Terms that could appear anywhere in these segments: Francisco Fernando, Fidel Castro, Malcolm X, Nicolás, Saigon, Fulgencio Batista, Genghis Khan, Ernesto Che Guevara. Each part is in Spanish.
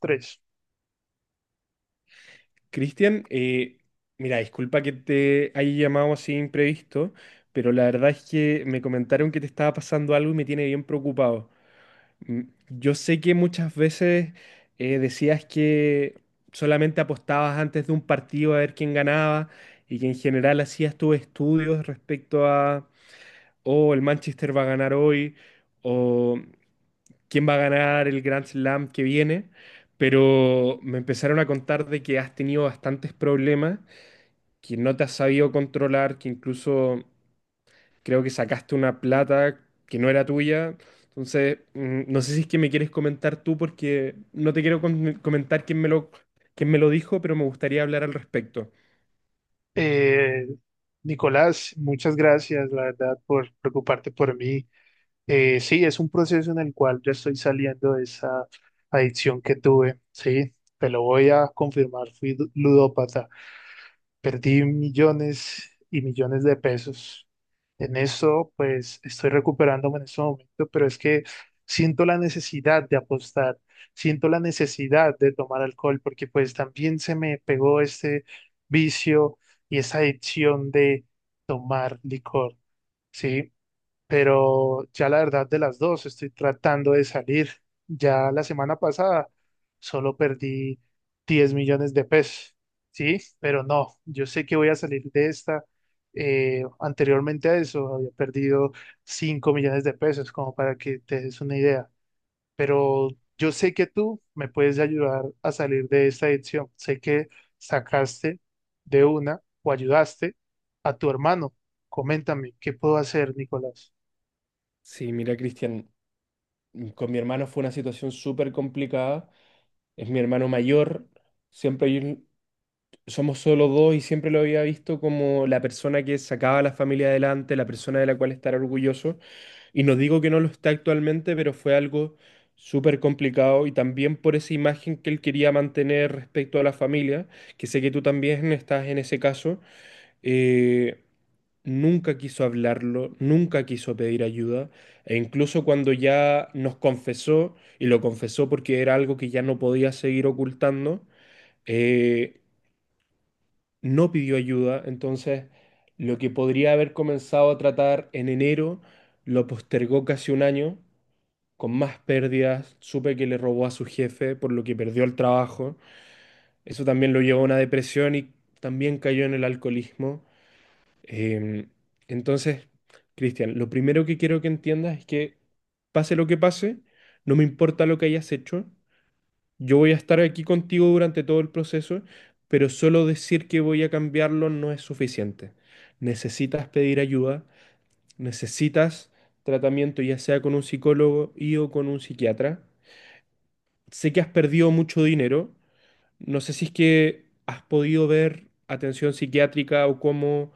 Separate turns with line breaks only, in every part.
Tres.
Cristian, mira, disculpa que te haya llamado así imprevisto, pero la verdad es que me comentaron que te estaba pasando algo y me tiene bien preocupado. Mm, Yo sé que muchas veces decías que solamente apostabas antes de un partido a ver quién ganaba y que en general hacías tus estudios respecto a, oh, el Manchester va a ganar hoy o quién va a ganar el Grand Slam que viene. Pero me empezaron a contar de que has tenido bastantes problemas, que no te has sabido controlar, que incluso creo que sacaste una plata que no era tuya. Entonces, no sé si es que me quieres comentar tú, porque no te quiero comentar quién me lo dijo, pero me gustaría hablar al respecto.
Eh, Nicolás, muchas gracias, la verdad, por preocuparte por mí. Sí, es un proceso en el cual yo estoy saliendo de esa adicción que tuve. Sí, te lo voy a confirmar, fui ludópata. Perdí millones y millones de pesos. En eso, pues estoy recuperándome en este momento, pero es que siento la necesidad de apostar, siento la necesidad de tomar alcohol, porque pues también se me pegó este vicio y esa adicción de tomar licor, ¿sí? Pero ya la verdad de las dos estoy tratando de salir. Ya la semana pasada solo perdí 10 millones de pesos, ¿sí? Pero no, yo sé que voy a salir de esta. Anteriormente a eso había perdido 5 millones de pesos, como para que te des una idea. Pero yo sé que tú me puedes ayudar a salir de esta adicción. Sé que sacaste de una o ayudaste a tu hermano. Coméntame, ¿qué puedo hacer, Nicolás?
Sí, mira, Cristian, con mi hermano fue una situación súper complicada. Es mi hermano mayor, siempre hay un- somos solo dos y siempre lo había visto como la persona que sacaba a la familia adelante, la persona de la cual estar orgulloso. Y no digo que no lo está actualmente, pero fue algo súper complicado y también por esa imagen que él quería mantener respecto a la familia, que sé que tú también estás en ese caso, eh, nunca quiso hablarlo, nunca quiso pedir ayuda, e incluso cuando ya nos confesó, y lo confesó porque era algo que ya no podía seguir ocultando, eh, no pidió ayuda. Entonces lo que podría haber comenzado a tratar en enero, lo postergó casi un año con más pérdidas. Supe que le robó a su jefe, por lo que perdió el trabajo. Eso también lo llevó a una depresión y también cayó en el alcoholismo. Em, entonces, Cristian, lo primero que quiero que entiendas es que pase lo que pase, no me importa lo que hayas hecho, yo voy a estar aquí contigo durante todo el proceso, pero solo decir que voy a cambiarlo no es suficiente. Necesitas pedir ayuda, necesitas tratamiento, ya sea con un psicólogo y o con un psiquiatra. Sé que has perdido mucho dinero. No sé si es que has podido ver atención psiquiátrica o cómo,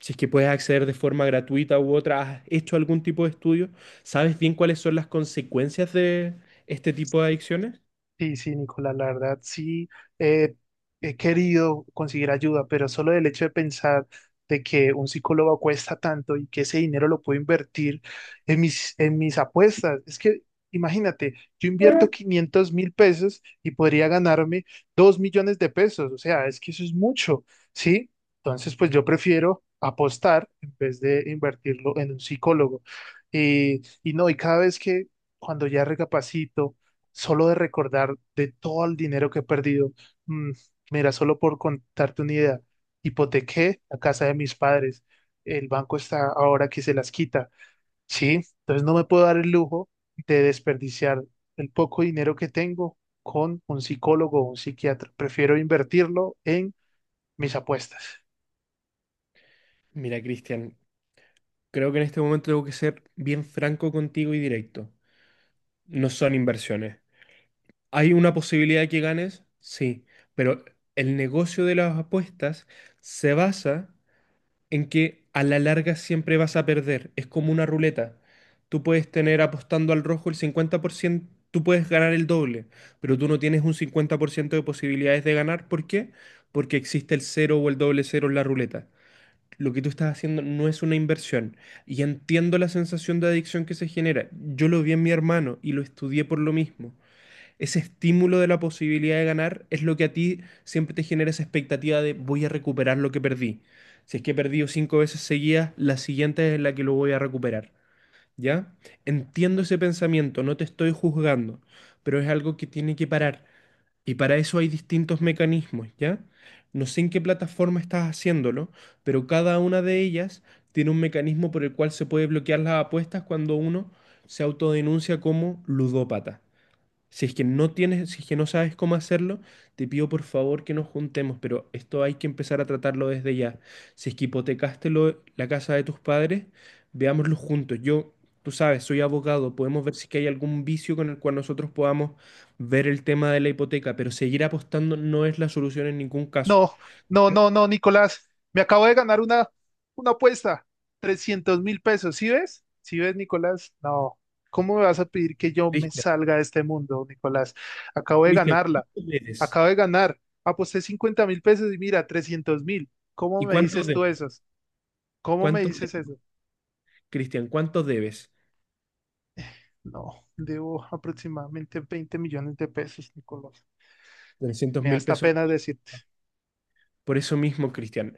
si es que puedes acceder de forma gratuita u otra. ¿Has hecho algún tipo de estudio? ¿Sabes bien cuáles son las consecuencias de este tipo de adicciones?
Sí, sí, Nicolás, la verdad sí, eh, he querido conseguir ayuda, pero solo el hecho de pensar de que un psicólogo cuesta tanto y que ese dinero lo puedo invertir en mis apuestas. Es que imagínate, yo invierto 500.000 pesos y podría ganarme 2 millones de pesos, o sea, es que eso es mucho, ¿sí? Entonces, pues yo prefiero apostar en vez de invertirlo en un psicólogo. Y no, y cada vez que cuando ya recapacito solo de recordar de todo el dinero que he perdido. Mm, Mira, solo por contarte una idea, hipotequé la casa de mis padres. El banco está ahora que se las quita. Sí, entonces no me puedo dar el lujo de desperdiciar el poco dinero que tengo con un psicólogo o un psiquiatra. Prefiero invertirlo en mis apuestas.
Mira, Cristian, creo que en este momento tengo que ser bien franco contigo y directo. No son inversiones. ¿Hay una posibilidad de que ganes? Sí, pero el negocio de las apuestas se basa en que a la larga siempre vas a perder. Es como una ruleta. Tú puedes tener apostando al rojo el 50%, tú puedes ganar el doble, pero tú no tienes un 50% de posibilidades de ganar. ¿Por qué? Porque existe el cero o el doble cero en la ruleta. Lo que tú estás haciendo no es una inversión. Y entiendo la sensación de adicción que se genera. Yo lo vi en mi hermano y lo estudié por lo mismo. Ese estímulo de la posibilidad de ganar es lo que a ti siempre te genera esa expectativa de voy a recuperar lo que perdí. Si es que he perdido cinco veces seguidas, la siguiente es la que lo voy a recuperar. ¿Ya? Entiendo ese pensamiento, no te estoy juzgando, pero es algo que tiene que parar. Y para eso hay distintos mecanismos, ¿ya? No sé en qué plataforma estás haciéndolo, pero cada una de ellas tiene un mecanismo por el cual se puede bloquear las apuestas cuando uno se autodenuncia como ludópata. Si es que no tienes, si es que no sabes cómo hacerlo, te pido por favor que nos juntemos, pero esto hay que empezar a tratarlo desde ya. Si es que hipotecaste la casa de tus padres, veámoslo juntos. Yo, tú sabes, soy abogado, podemos ver si es que hay algún vicio con el cual nosotros podamos ver el tema de la hipoteca, pero seguir apostando no es la solución en ningún caso.
No, no, no, no, Nicolás. Me acabo de ganar una apuesta. 300.000 pesos. ¿Sí ves? ¿Sí ves, Nicolás? No. ¿Cómo me vas a pedir que yo me
Cristian,
salga de este mundo, Nicolás? Acabo de
Cristian,
ganarla.
¿cuánto debes?
Acabo de ganar. Aposté 50.000 pesos y mira, 300.000. ¿Cómo
¿Y
me
cuánto
dices
debes?
tú eso? ¿Cómo me
¿Cuánto
dices
debes,
eso?
Cristian? ¿Cuánto debes?
No, debo aproximadamente 20 millones de pesos, Nicolás.
Trescientos
Me da
mil
hasta
pesos.
pena decirte.
Por eso mismo, Cristian.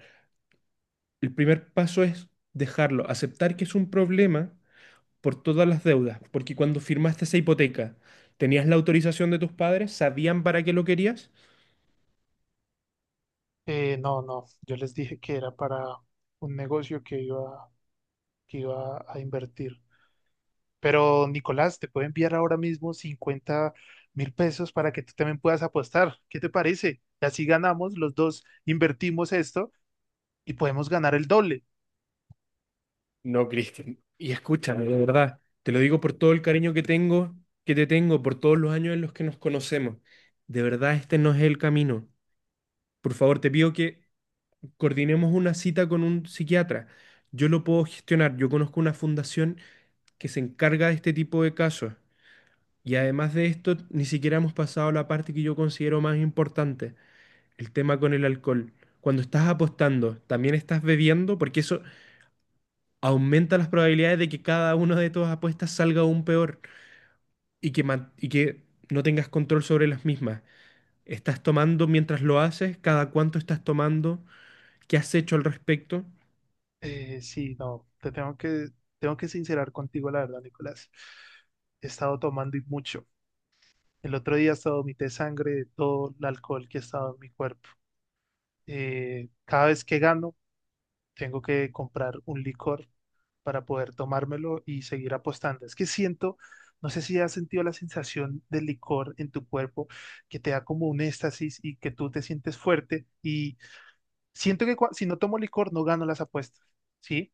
El primer paso es dejarlo, aceptar que es un problema por todas las deudas, porque cuando firmaste esa hipoteca, ¿tenías la autorización de tus padres? ¿Sabían para qué lo querías?
No, no. Yo les dije que era para un negocio que iba a invertir. Pero Nicolás, te puedo enviar ahora mismo 50.000 pesos para que tú también puedas apostar. ¿Qué te parece? Y así ganamos, los dos invertimos esto y podemos ganar el doble.
No, Cristian. Y escúchame, de verdad, te lo digo por todo el cariño que tengo, que te tengo, por todos los años en los que nos conocemos. De verdad, este no es el camino. Por favor, te pido que coordinemos una cita con un psiquiatra. Yo lo puedo gestionar. Yo conozco una fundación que se encarga de este tipo de casos. Y además de esto, ni siquiera hemos pasado a la parte que yo considero más importante, el tema con el alcohol. Cuando estás apostando, también estás bebiendo, porque eso aumenta las probabilidades de que cada una de tus apuestas salga aún peor y que, que no tengas control sobre las mismas. ¿Estás tomando mientras lo haces? ¿Cada cuánto estás tomando? ¿Qué has hecho al respecto?
Sí, no, te tengo que sincerar contigo, la verdad, Nicolás. He estado tomando y mucho. El otro día hasta vomité sangre de todo el alcohol que ha estado en mi cuerpo. Cada vez que gano, tengo que comprar un licor para poder tomármelo y seguir apostando. Es que siento, no sé si has sentido la sensación del licor en tu cuerpo que te da como un éxtasis y que tú te sientes fuerte y siento que si no tomo licor no gano las apuestas, ¿sí?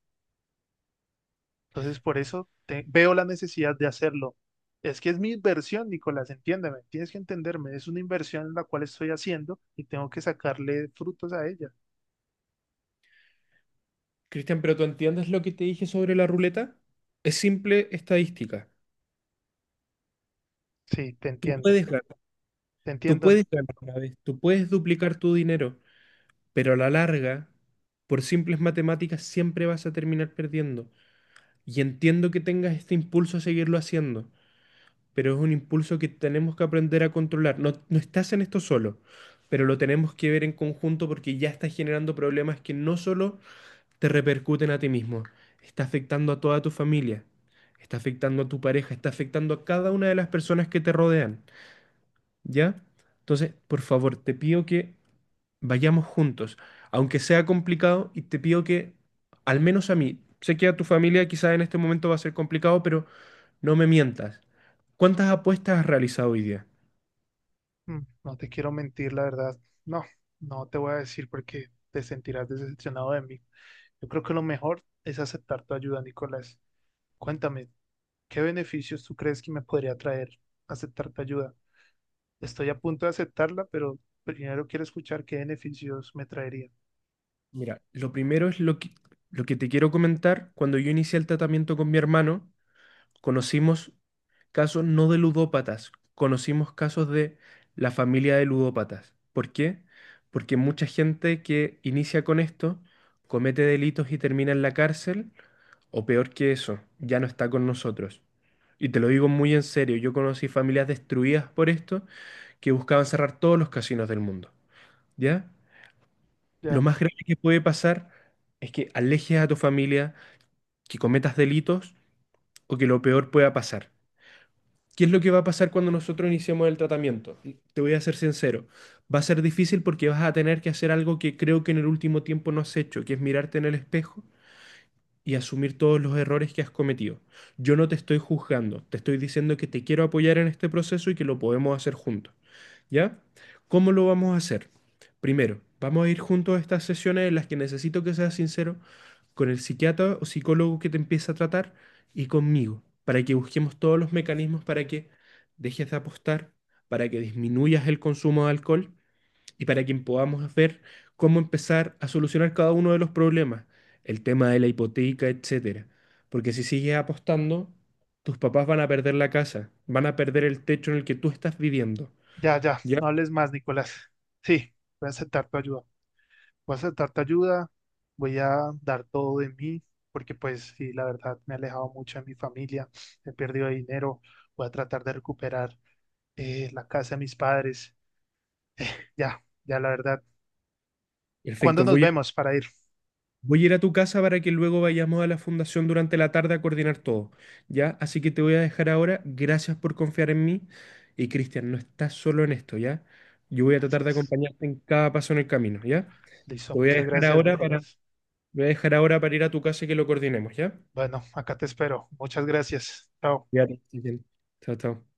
Entonces por eso veo la necesidad de hacerlo. Es que es mi inversión, Nicolás, entiéndeme, tienes que entenderme, es una inversión en la cual estoy haciendo y tengo que sacarle frutos a ella.
Cristian, ¿pero tú entiendes lo que te dije sobre la ruleta? Es simple estadística.
Sí, te
Tú
entiendo,
puedes ganar,
te
tú
entiendo.
puedes ganar una vez, tú puedes duplicar tu dinero. Pero a la larga, por simples matemáticas siempre vas a terminar perdiendo. Y entiendo que tengas este impulso a seguirlo haciendo, pero es un impulso que tenemos que aprender a controlar. No, no estás en esto solo, pero lo tenemos que ver en conjunto, porque ya estás generando problemas que no solo te repercuten a ti mismo, está afectando a toda tu familia, está afectando a tu pareja, está afectando a cada una de las personas que te rodean, ¿ya? Entonces, por favor, te pido que vayamos juntos, aunque sea complicado, y te pido que, al menos a mí, sé que a tu familia quizás en este momento va a ser complicado, pero no me mientas. ¿Cuántas apuestas has realizado hoy día?
Mm, No te quiero mentir, la verdad. No, no te voy a decir porque te sentirás decepcionado de mí. Yo creo que lo mejor es aceptar tu ayuda, Nicolás. Cuéntame, ¿qué beneficios tú crees que me podría traer aceptar tu ayuda? Estoy a punto de aceptarla, pero primero quiero escuchar qué beneficios me traería.
Mira, lo primero es lo que te quiero comentar. Cuando yo inicié el tratamiento con mi hermano, conocimos casos no de ludópatas, conocimos casos de la familia de ludópatas. ¿Por qué? Porque mucha gente que inicia con esto comete delitos y termina en la cárcel. O peor que eso, ya no está con nosotros. Y te lo digo muy en serio, yo conocí familias destruidas por esto que buscaban cerrar todos los casinos del mundo. ¿Ya? Lo
Ya,
más grave que puede pasar es que alejes a tu familia, que cometas delitos o que lo peor pueda pasar. ¿Qué es lo que va a pasar cuando nosotros iniciemos el tratamiento? Te voy a ser sincero, va a ser difícil porque vas a tener que hacer algo que creo que en el último tiempo no has hecho, que es mirarte en el espejo y asumir todos los errores que has cometido. Yo no te estoy juzgando, te estoy diciendo que te quiero apoyar en este proceso y que lo podemos hacer juntos, ¿ya? ¿Cómo lo vamos a hacer? Primero, vamos a ir juntos a estas sesiones en las que necesito que seas sincero con el psiquiatra o psicólogo que te empieza a tratar y conmigo, para que busquemos todos los mecanismos para que dejes de apostar, para que disminuyas el consumo de alcohol y para quien podamos ver cómo empezar a solucionar cada uno de los problemas, el tema de la hipoteca, etcétera. Porque si sigues apostando, tus papás van a perder la casa, van a perder el techo en el que tú estás viviendo.
ya, ya,
¿Ya?
no hables más, Nicolás. Sí, voy a aceptar tu ayuda. Voy a aceptar tu ayuda, voy a dar todo de mí, porque pues sí, la verdad me he alejado mucho de mi familia, he perdido dinero, voy a tratar de recuperar la casa de mis padres. Ya, ya la verdad. ¿Cuándo
Perfecto,
nos vemos para ir?
voy a ir a tu casa para que luego vayamos a la fundación durante la tarde a coordinar todo. ¿Ya? Así que te voy a dejar ahora. Gracias por confiar en mí. Y Cristian, no estás solo en esto, ¿ya? Yo voy a tratar de
Gracias.
acompañarte en cada paso en el camino, ¿ya?
Listo,
Te voy a
muchas
dejar
gracias,
ahora para...
Nicolás.
Voy a dejar ahora para ir a tu casa y que lo coordinemos, ¿ya?
Bueno, acá te espero. Muchas gracias. Chao.
Ya, que estés... Chao, chao.